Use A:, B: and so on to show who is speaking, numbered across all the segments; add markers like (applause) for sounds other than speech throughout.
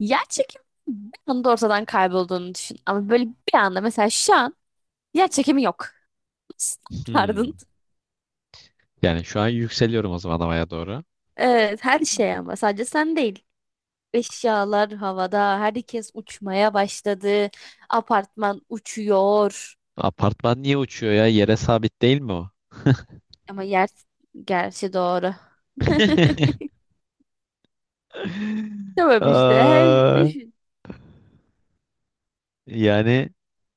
A: Yer çekimi bir anda ortadan kaybolduğunu düşün. Ama böyle bir anda mesela şu an yer çekimi yok. (laughs) Nasıl
B: Hmm.
A: yapardın?
B: Yani şu an yükseliyorum o zaman havaya doğru.
A: Evet, her şey ama sadece sen değil. Eşyalar havada, herkes uçmaya başladı. Apartman uçuyor.
B: Apartman niye uçuyor ya? Yere sabit değil mi o?
A: Ama yer, gerçi doğru. (laughs)
B: (laughs)
A: Tamam işte her
B: Aa,
A: düşün.
B: yani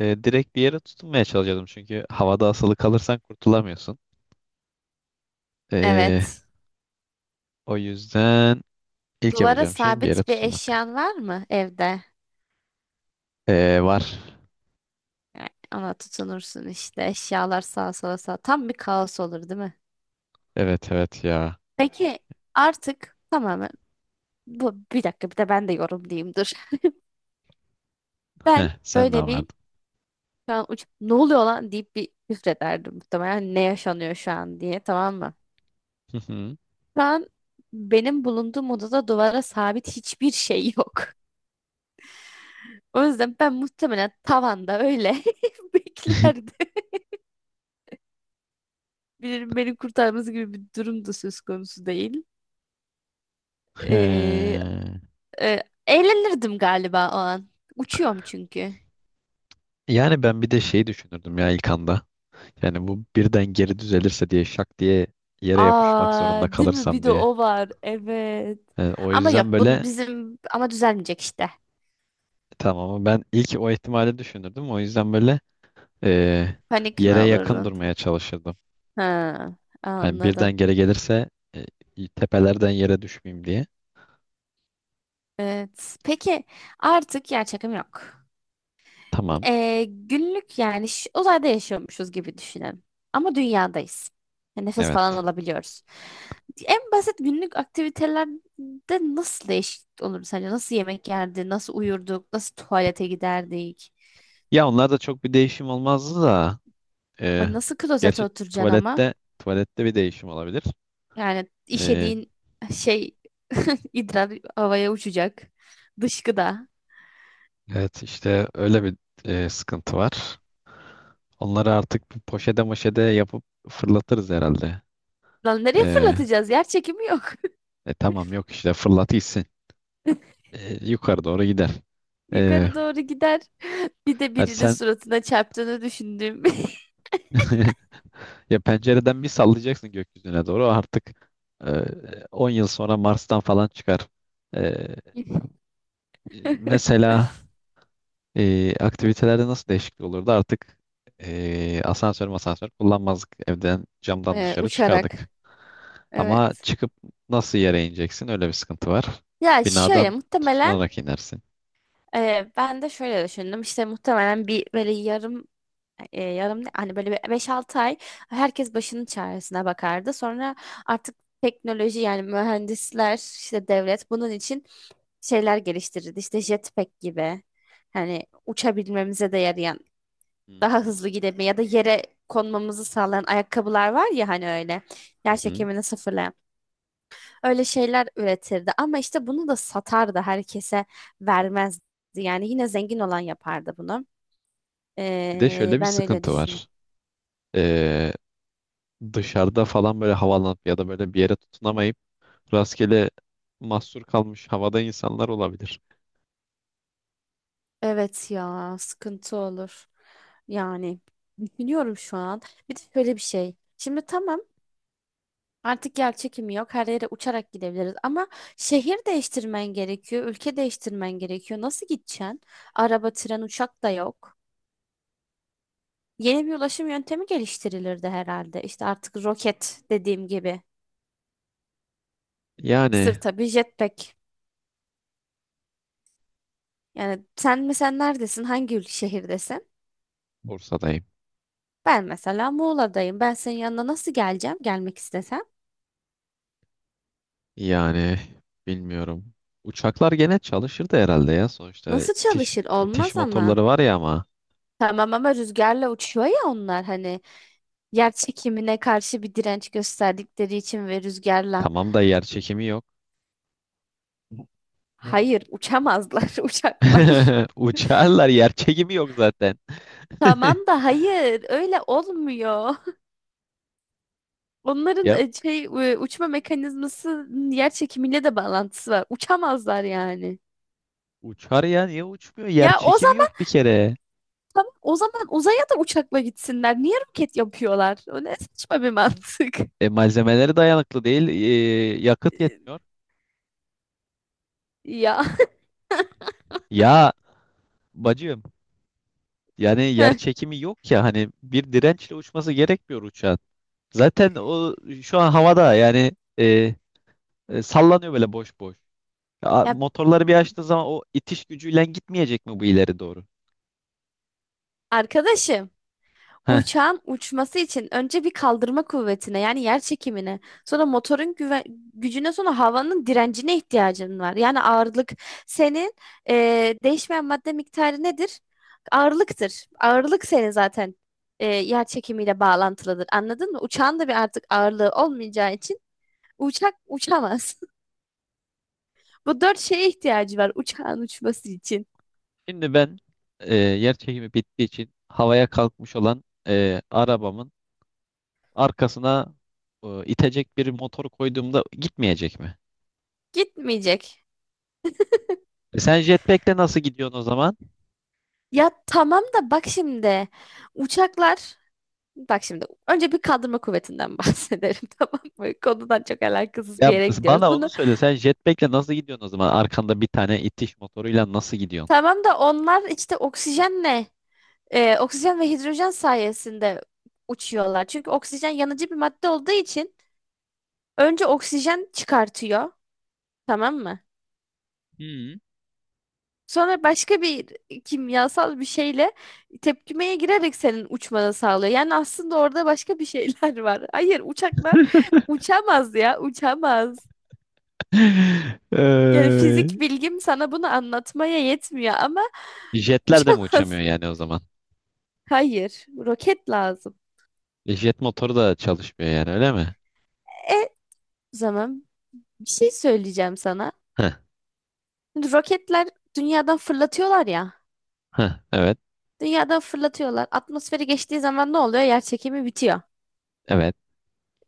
B: direkt bir yere tutunmaya çalışıyordum çünkü havada asılı kalırsan kurtulamıyorsun. E,
A: Evet.
B: O yüzden ilk
A: Duvara
B: yapacağım şey bir yere
A: sabit bir
B: tutunmak.
A: eşyan var mı evde?
B: Var.
A: Yani ona tutunursun işte. Eşyalar sağa sola sağa. Tam bir kaos olur değil mi?
B: Evet evet ya.
A: Peki artık tamamen bu, bir dakika, bir de ben de yorumlayayım dur. Ben
B: Heh, sen ne
A: böyle bir
B: vardın?
A: şu an uç, ne oluyor lan deyip bir küfrederdim muhtemelen, ne yaşanıyor şu an diye, tamam mı?
B: Hı hı.
A: Şu an benim bulunduğum odada duvara sabit hiçbir şey yok. (laughs) O yüzden ben muhtemelen tavanda öyle (laughs) beklerdim.
B: (laughs)
A: Birinin beni kurtarması gibi bir durum da söz konusu değil. Ee,
B: Ee,
A: Eğlenirdim galiba o an. Uçuyorum çünkü.
B: Yani ben bir de şey düşünürdüm ya ilk anda. Yani bu birden geri düzelirse diye şak diye yere yapışmak
A: Aa,
B: zorunda
A: değil mi? Bir
B: kalırsam
A: de
B: diye.
A: o var. Evet.
B: Yani o
A: Ama yok,
B: yüzden
A: bunun
B: böyle
A: bizim ama düzelmeyecek işte.
B: tamam, ama ben ilk o ihtimali düşünürdüm. O yüzden böyle eee,
A: Panik mi
B: yere yakın
A: olurdun?
B: durmaya çalışırdım.
A: Ha,
B: Hani birden
A: anladım.
B: geri gelirse tepelerden yere düşmeyeyim diye.
A: Evet. Peki artık yer çekim yok.
B: Tamam.
A: Günlük, yani uzayda yaşıyormuşuz gibi düşünelim. Ama dünyadayız. Yani nefes falan
B: Evet.
A: alabiliyoruz. En basit günlük aktivitelerde nasıl değişiklik olur sence? Nasıl yemek yerdi? Nasıl uyurduk? Nasıl tuvalete giderdik?
B: Ya onlar da çok bir değişim olmazdı da.
A: Ay,
B: eee,
A: nasıl klozete
B: Gerçi
A: oturacaksın ama?
B: tuvalette tuvalette bir değişim olabilir.
A: Yani
B: Eee,
A: işediğin şey, (laughs) idrar havaya uçacak. Dışkıda.
B: evet işte öyle bir sıkıntı var. Onları artık bir poşete moşede yapıp fırlatırız herhalde.
A: Lan nereye
B: Ee,
A: fırlatacağız? Yer çekimi yok.
B: tamam, yok işte, fırlat gitsin. Yukarı doğru gider.
A: (laughs)
B: Ee,
A: Yukarı doğru gider. Bir de
B: Hadi
A: birinin
B: sen
A: suratına çarptığını düşündüğüm. (laughs)
B: (laughs) ya, pencereden bir sallayacaksın gökyüzüne doğru artık, e, 10 yıl sonra Mars'tan falan çıkar. Ee, Mesela aktivitelerde nasıl değişiklik olurdu artık, asansör masansör kullanmazdık, evden camdan dışarı
A: Uçarak.
B: çıkardık. Ama
A: Evet.
B: çıkıp nasıl yere ineceksin? Öyle bir sıkıntı var.
A: Ya şöyle
B: Binadan
A: muhtemelen
B: tutunarak inersin.
A: ben de şöyle düşündüm. İşte muhtemelen bir böyle yarım, yarım hani böyle bir 5-6 ay herkes başının çaresine bakardı. Sonra artık teknoloji, yani mühendisler işte, devlet bunun için şeyler geliştirirdi. İşte jetpack gibi, hani uçabilmemize de yarayan,
B: Hı
A: daha hızlı gidebilme ya da yere konmamızı sağlayan ayakkabılar var ya, hani öyle yer
B: hı.
A: çekimini sıfırlayan öyle şeyler üretirdi, ama işte bunu da satardı herkese vermezdi, yani yine zengin olan yapardı bunu.
B: Bir de şöyle bir
A: Ben öyle
B: sıkıntı var.
A: düşünüyorum.
B: Ee, Dışarıda falan böyle havalanıp ya da böyle bir yere tutunamayıp rastgele mahsur kalmış havada insanlar olabilir.
A: Evet ya, sıkıntı olur. Yani düşünüyorum şu an. Bir de şöyle bir şey. Şimdi tamam, artık yer çekimi yok. Her yere uçarak gidebiliriz. Ama şehir değiştirmen gerekiyor. Ülke değiştirmen gerekiyor. Nasıl gideceksin? Araba, tren, uçak da yok. Yeni bir ulaşım yöntemi geliştirilirdi herhalde. İşte artık roket dediğim gibi.
B: Yani
A: Sırta bir jetpack. Yani sen mesela neredesin? Hangi şehirdesin?
B: Bursa'dayım.
A: Ben mesela Muğla'dayım. Ben senin yanına nasıl geleceğim? Gelmek istesem.
B: Yani bilmiyorum. Uçaklar gene çalışırdı herhalde ya. Sonuçta
A: Nasıl çalışır?
B: itiş
A: Olmaz ama.
B: motorları var ya ama.
A: Tamam ama rüzgarla uçuyor ya onlar, hani yer çekimine karşı bir direnç gösterdikleri için ve rüzgarla.
B: Tamam da yer çekimi yok.
A: Hı. Hayır, uçamazlar (laughs) uçaklar.
B: (laughs) Uçarlar, yer çekimi yok zaten. (laughs)
A: Tamam da hayır, öyle olmuyor. Onların
B: Ya
A: şey, uçma mekanizması yer çekimiyle de bağlantısı var. Uçamazlar yani.
B: uçar ya, niye uçmuyor? Yer
A: Ya o
B: çekimi
A: zaman
B: yok bir kere.
A: tamam, o zaman uzaya da uçakla gitsinler. Niye roket yapıyorlar? O ne saçma bir mantık. (laughs)
B: Malzemeleri dayanıklı değil, yakıt yetmiyor.
A: Ya.
B: Ya bacım, yani yer
A: (laughs)
B: çekimi yok ya, hani bir dirençle uçması gerekmiyor uçağın. Zaten o şu an havada, yani e, sallanıyor böyle boş boş. Ya,
A: Ya
B: motorları bir açtığı zaman o itiş gücüyle gitmeyecek mi bu ileri doğru?
A: arkadaşım,
B: Heh.
A: uçağın uçması için önce bir kaldırma kuvvetine, yani yer çekimine, sonra motorun gücüne, sonra havanın direncine ihtiyacın var. Yani ağırlık senin değişmeyen madde miktarı nedir? Ağırlıktır. Ağırlık senin zaten yer çekimiyle bağlantılıdır. Anladın mı? Uçağın da bir artık ağırlığı olmayacağı için uçak uçamaz. (laughs) Bu dört şeye ihtiyacı var uçağın uçması için.
B: Şimdi ben yer çekimi bittiği için havaya kalkmış olan arabamın arkasına itecek bir motor koyduğumda gitmeyecek mi?
A: Gitmeyecek.
B: Sen jetpack'le nasıl gidiyorsun o zaman?
A: Ya tamam da bak şimdi. Uçaklar, bak şimdi, önce bir kaldırma kuvvetinden (laughs) bahsedelim tamam mı? Konudan çok alakasız
B: Ya
A: bir yere gidiyoruz.
B: bana onu
A: Bunu
B: söyle. Sen jetpack'le nasıl gidiyorsun o zaman? Arkanda bir tane itiş motoruyla nasıl gidiyorsun?
A: tamam da onlar işte oksijenle, oksijen ve hidrojen sayesinde uçuyorlar. Çünkü oksijen yanıcı bir madde olduğu için önce oksijen çıkartıyor, tamam mı?
B: Hı.
A: Sonra başka bir kimyasal bir şeyle tepkimeye girerek senin uçmanı sağlıyor. Yani aslında orada başka bir şeyler (laughs) var. Hayır, uçaklar uçamaz ya, uçamaz. Yani
B: Eee,
A: fizik bilgim sana bunu anlatmaya yetmiyor ama
B: (laughs) Jetler de mi
A: uçamaz.
B: uçamıyor yani o zaman?
A: (laughs) Hayır, roket lazım.
B: Jet motoru da çalışmıyor yani, öyle mi?
A: E, O zaman bir şey söyleyeceğim sana.
B: Heh,
A: Şimdi roketler dünyadan fırlatıyorlar ya.
B: heh, evet.
A: Dünyadan fırlatıyorlar. Atmosferi geçtiği zaman ne oluyor? Yer çekimi bitiyor.
B: Evet,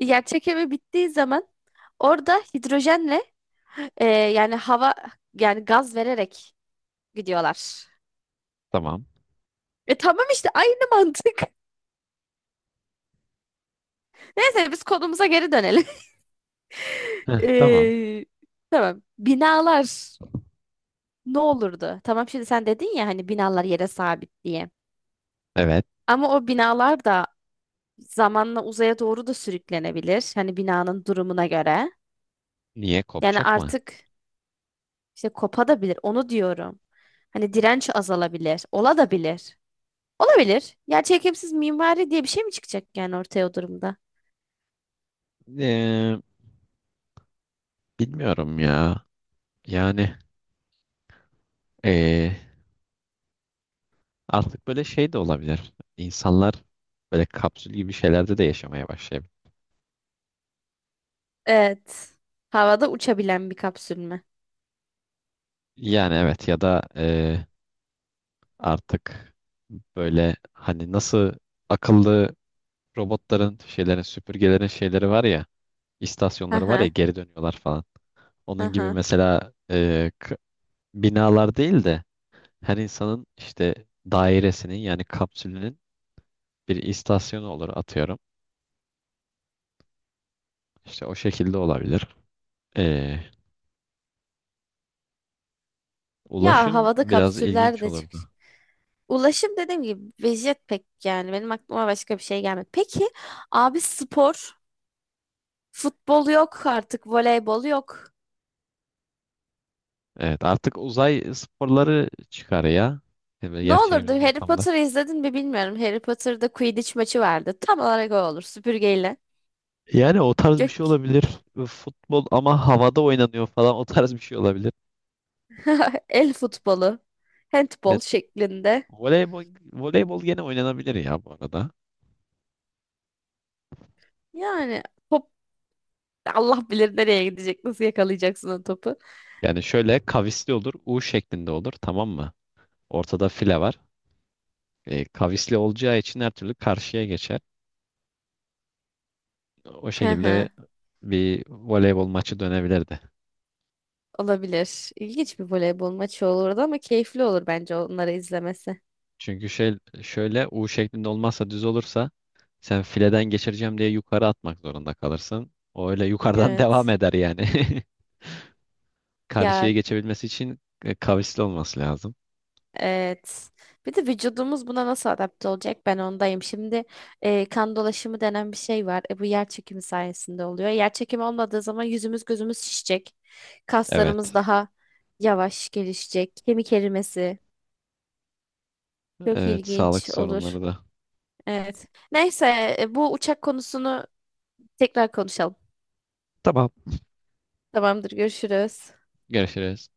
A: Yer çekimi bittiği zaman orada hidrojenle, yani hava, yani gaz vererek gidiyorlar.
B: tamam.
A: E tamam işte, aynı mantık. (laughs) Neyse biz konumuza geri dönelim. (laughs)
B: Heh, tamam.
A: E, tamam. Binalar. Ne olurdu? Tamam şimdi sen dedin ya hani binalar yere sabit diye.
B: Evet.
A: Ama o binalar da zamanla uzaya doğru da sürüklenebilir. Hani binanın durumuna göre.
B: Niye,
A: Yani
B: kopacak mı?
A: artık işte kopadabilir. Onu diyorum. Hani direnç azalabilir. Ola da bilir. Olabilir. Yer çekimsiz mimari diye bir şey mi çıkacak yani ortaya o durumda?
B: Ee, Bilmiyorum ya. Yani ee, artık böyle şey de olabilir. İnsanlar böyle kapsül gibi şeylerde de yaşamaya başlayabilir.
A: Evet. Havada uçabilen bir kapsül mü?
B: Yani evet, ya da artık böyle, hani nasıl, akıllı robotların, şeylerin, süpürgelerin şeyleri var ya,
A: Hı
B: istasyonları var ya,
A: hı.
B: geri dönüyorlar falan.
A: Hı
B: Onun gibi
A: hı.
B: mesela, binalar değil de her insanın işte dairesinin, yani kapsülünün bir istasyonu olur atıyorum. İşte o şekilde olabilir. Ee,
A: Ya
B: Ulaşım
A: havada
B: biraz
A: kapsüller
B: ilginç
A: de çık.
B: olurdu.
A: Ulaşım dediğim gibi vejet pek, yani benim aklıma başka bir şey gelmedi. Peki abi spor, futbol yok artık, voleybol yok.
B: Evet, artık uzay sporları çıkar ya. Yani böyle
A: Ne olurdu?
B: gerçeğimiz
A: Harry
B: ortamda.
A: Potter'ı izledin mi bilmiyorum. Harry Potter'da Quidditch maçı vardı. Tam olarak o olur. Süpürgeyle.
B: Yani o tarz bir
A: Gök.
B: şey olabilir. Futbol ama havada oynanıyor falan, o tarz bir şey olabilir.
A: (laughs) El futbolu. Handball
B: Evet.
A: şeklinde.
B: Voleybol, voleybol gene oynanabilir ya bu arada.
A: Yani top Allah bilir nereye gidecek. Nasıl yakalayacaksın o topu?
B: Yani şöyle kavisli olur, U şeklinde olur, tamam mı? Ortada file var. Kavisli olacağı için her türlü karşıya geçer. O
A: Hı
B: şekilde
A: hı.
B: bir voleybol maçı dönebilirdi.
A: Olabilir. İlginç bir voleybol maçı olurdu ama keyifli olur bence onları izlemesi.
B: Çünkü şey, şöyle U şeklinde olmazsa, düz olursa sen fileden geçireceğim diye yukarı atmak zorunda kalırsın. O öyle yukarıdan (laughs) devam
A: Evet.
B: eder yani. (laughs)
A: Ya,
B: Karşıya geçebilmesi için kavisli olması lazım.
A: evet. Bir de vücudumuz buna nasıl adapte olacak? Ben ondayım. Şimdi kan dolaşımı denen bir şey var. Bu yer çekimi sayesinde oluyor. Yer çekimi olmadığı zaman yüzümüz gözümüz şişecek. Kaslarımız
B: Evet.
A: daha yavaş gelişecek. Kemik erimesi çok
B: Evet, sağlık
A: ilginç olur.
B: sorunları da.
A: Evet. Neyse, bu uçak konusunu tekrar konuşalım.
B: Tamam.
A: Tamamdır. Görüşürüz.
B: Görüşürüz.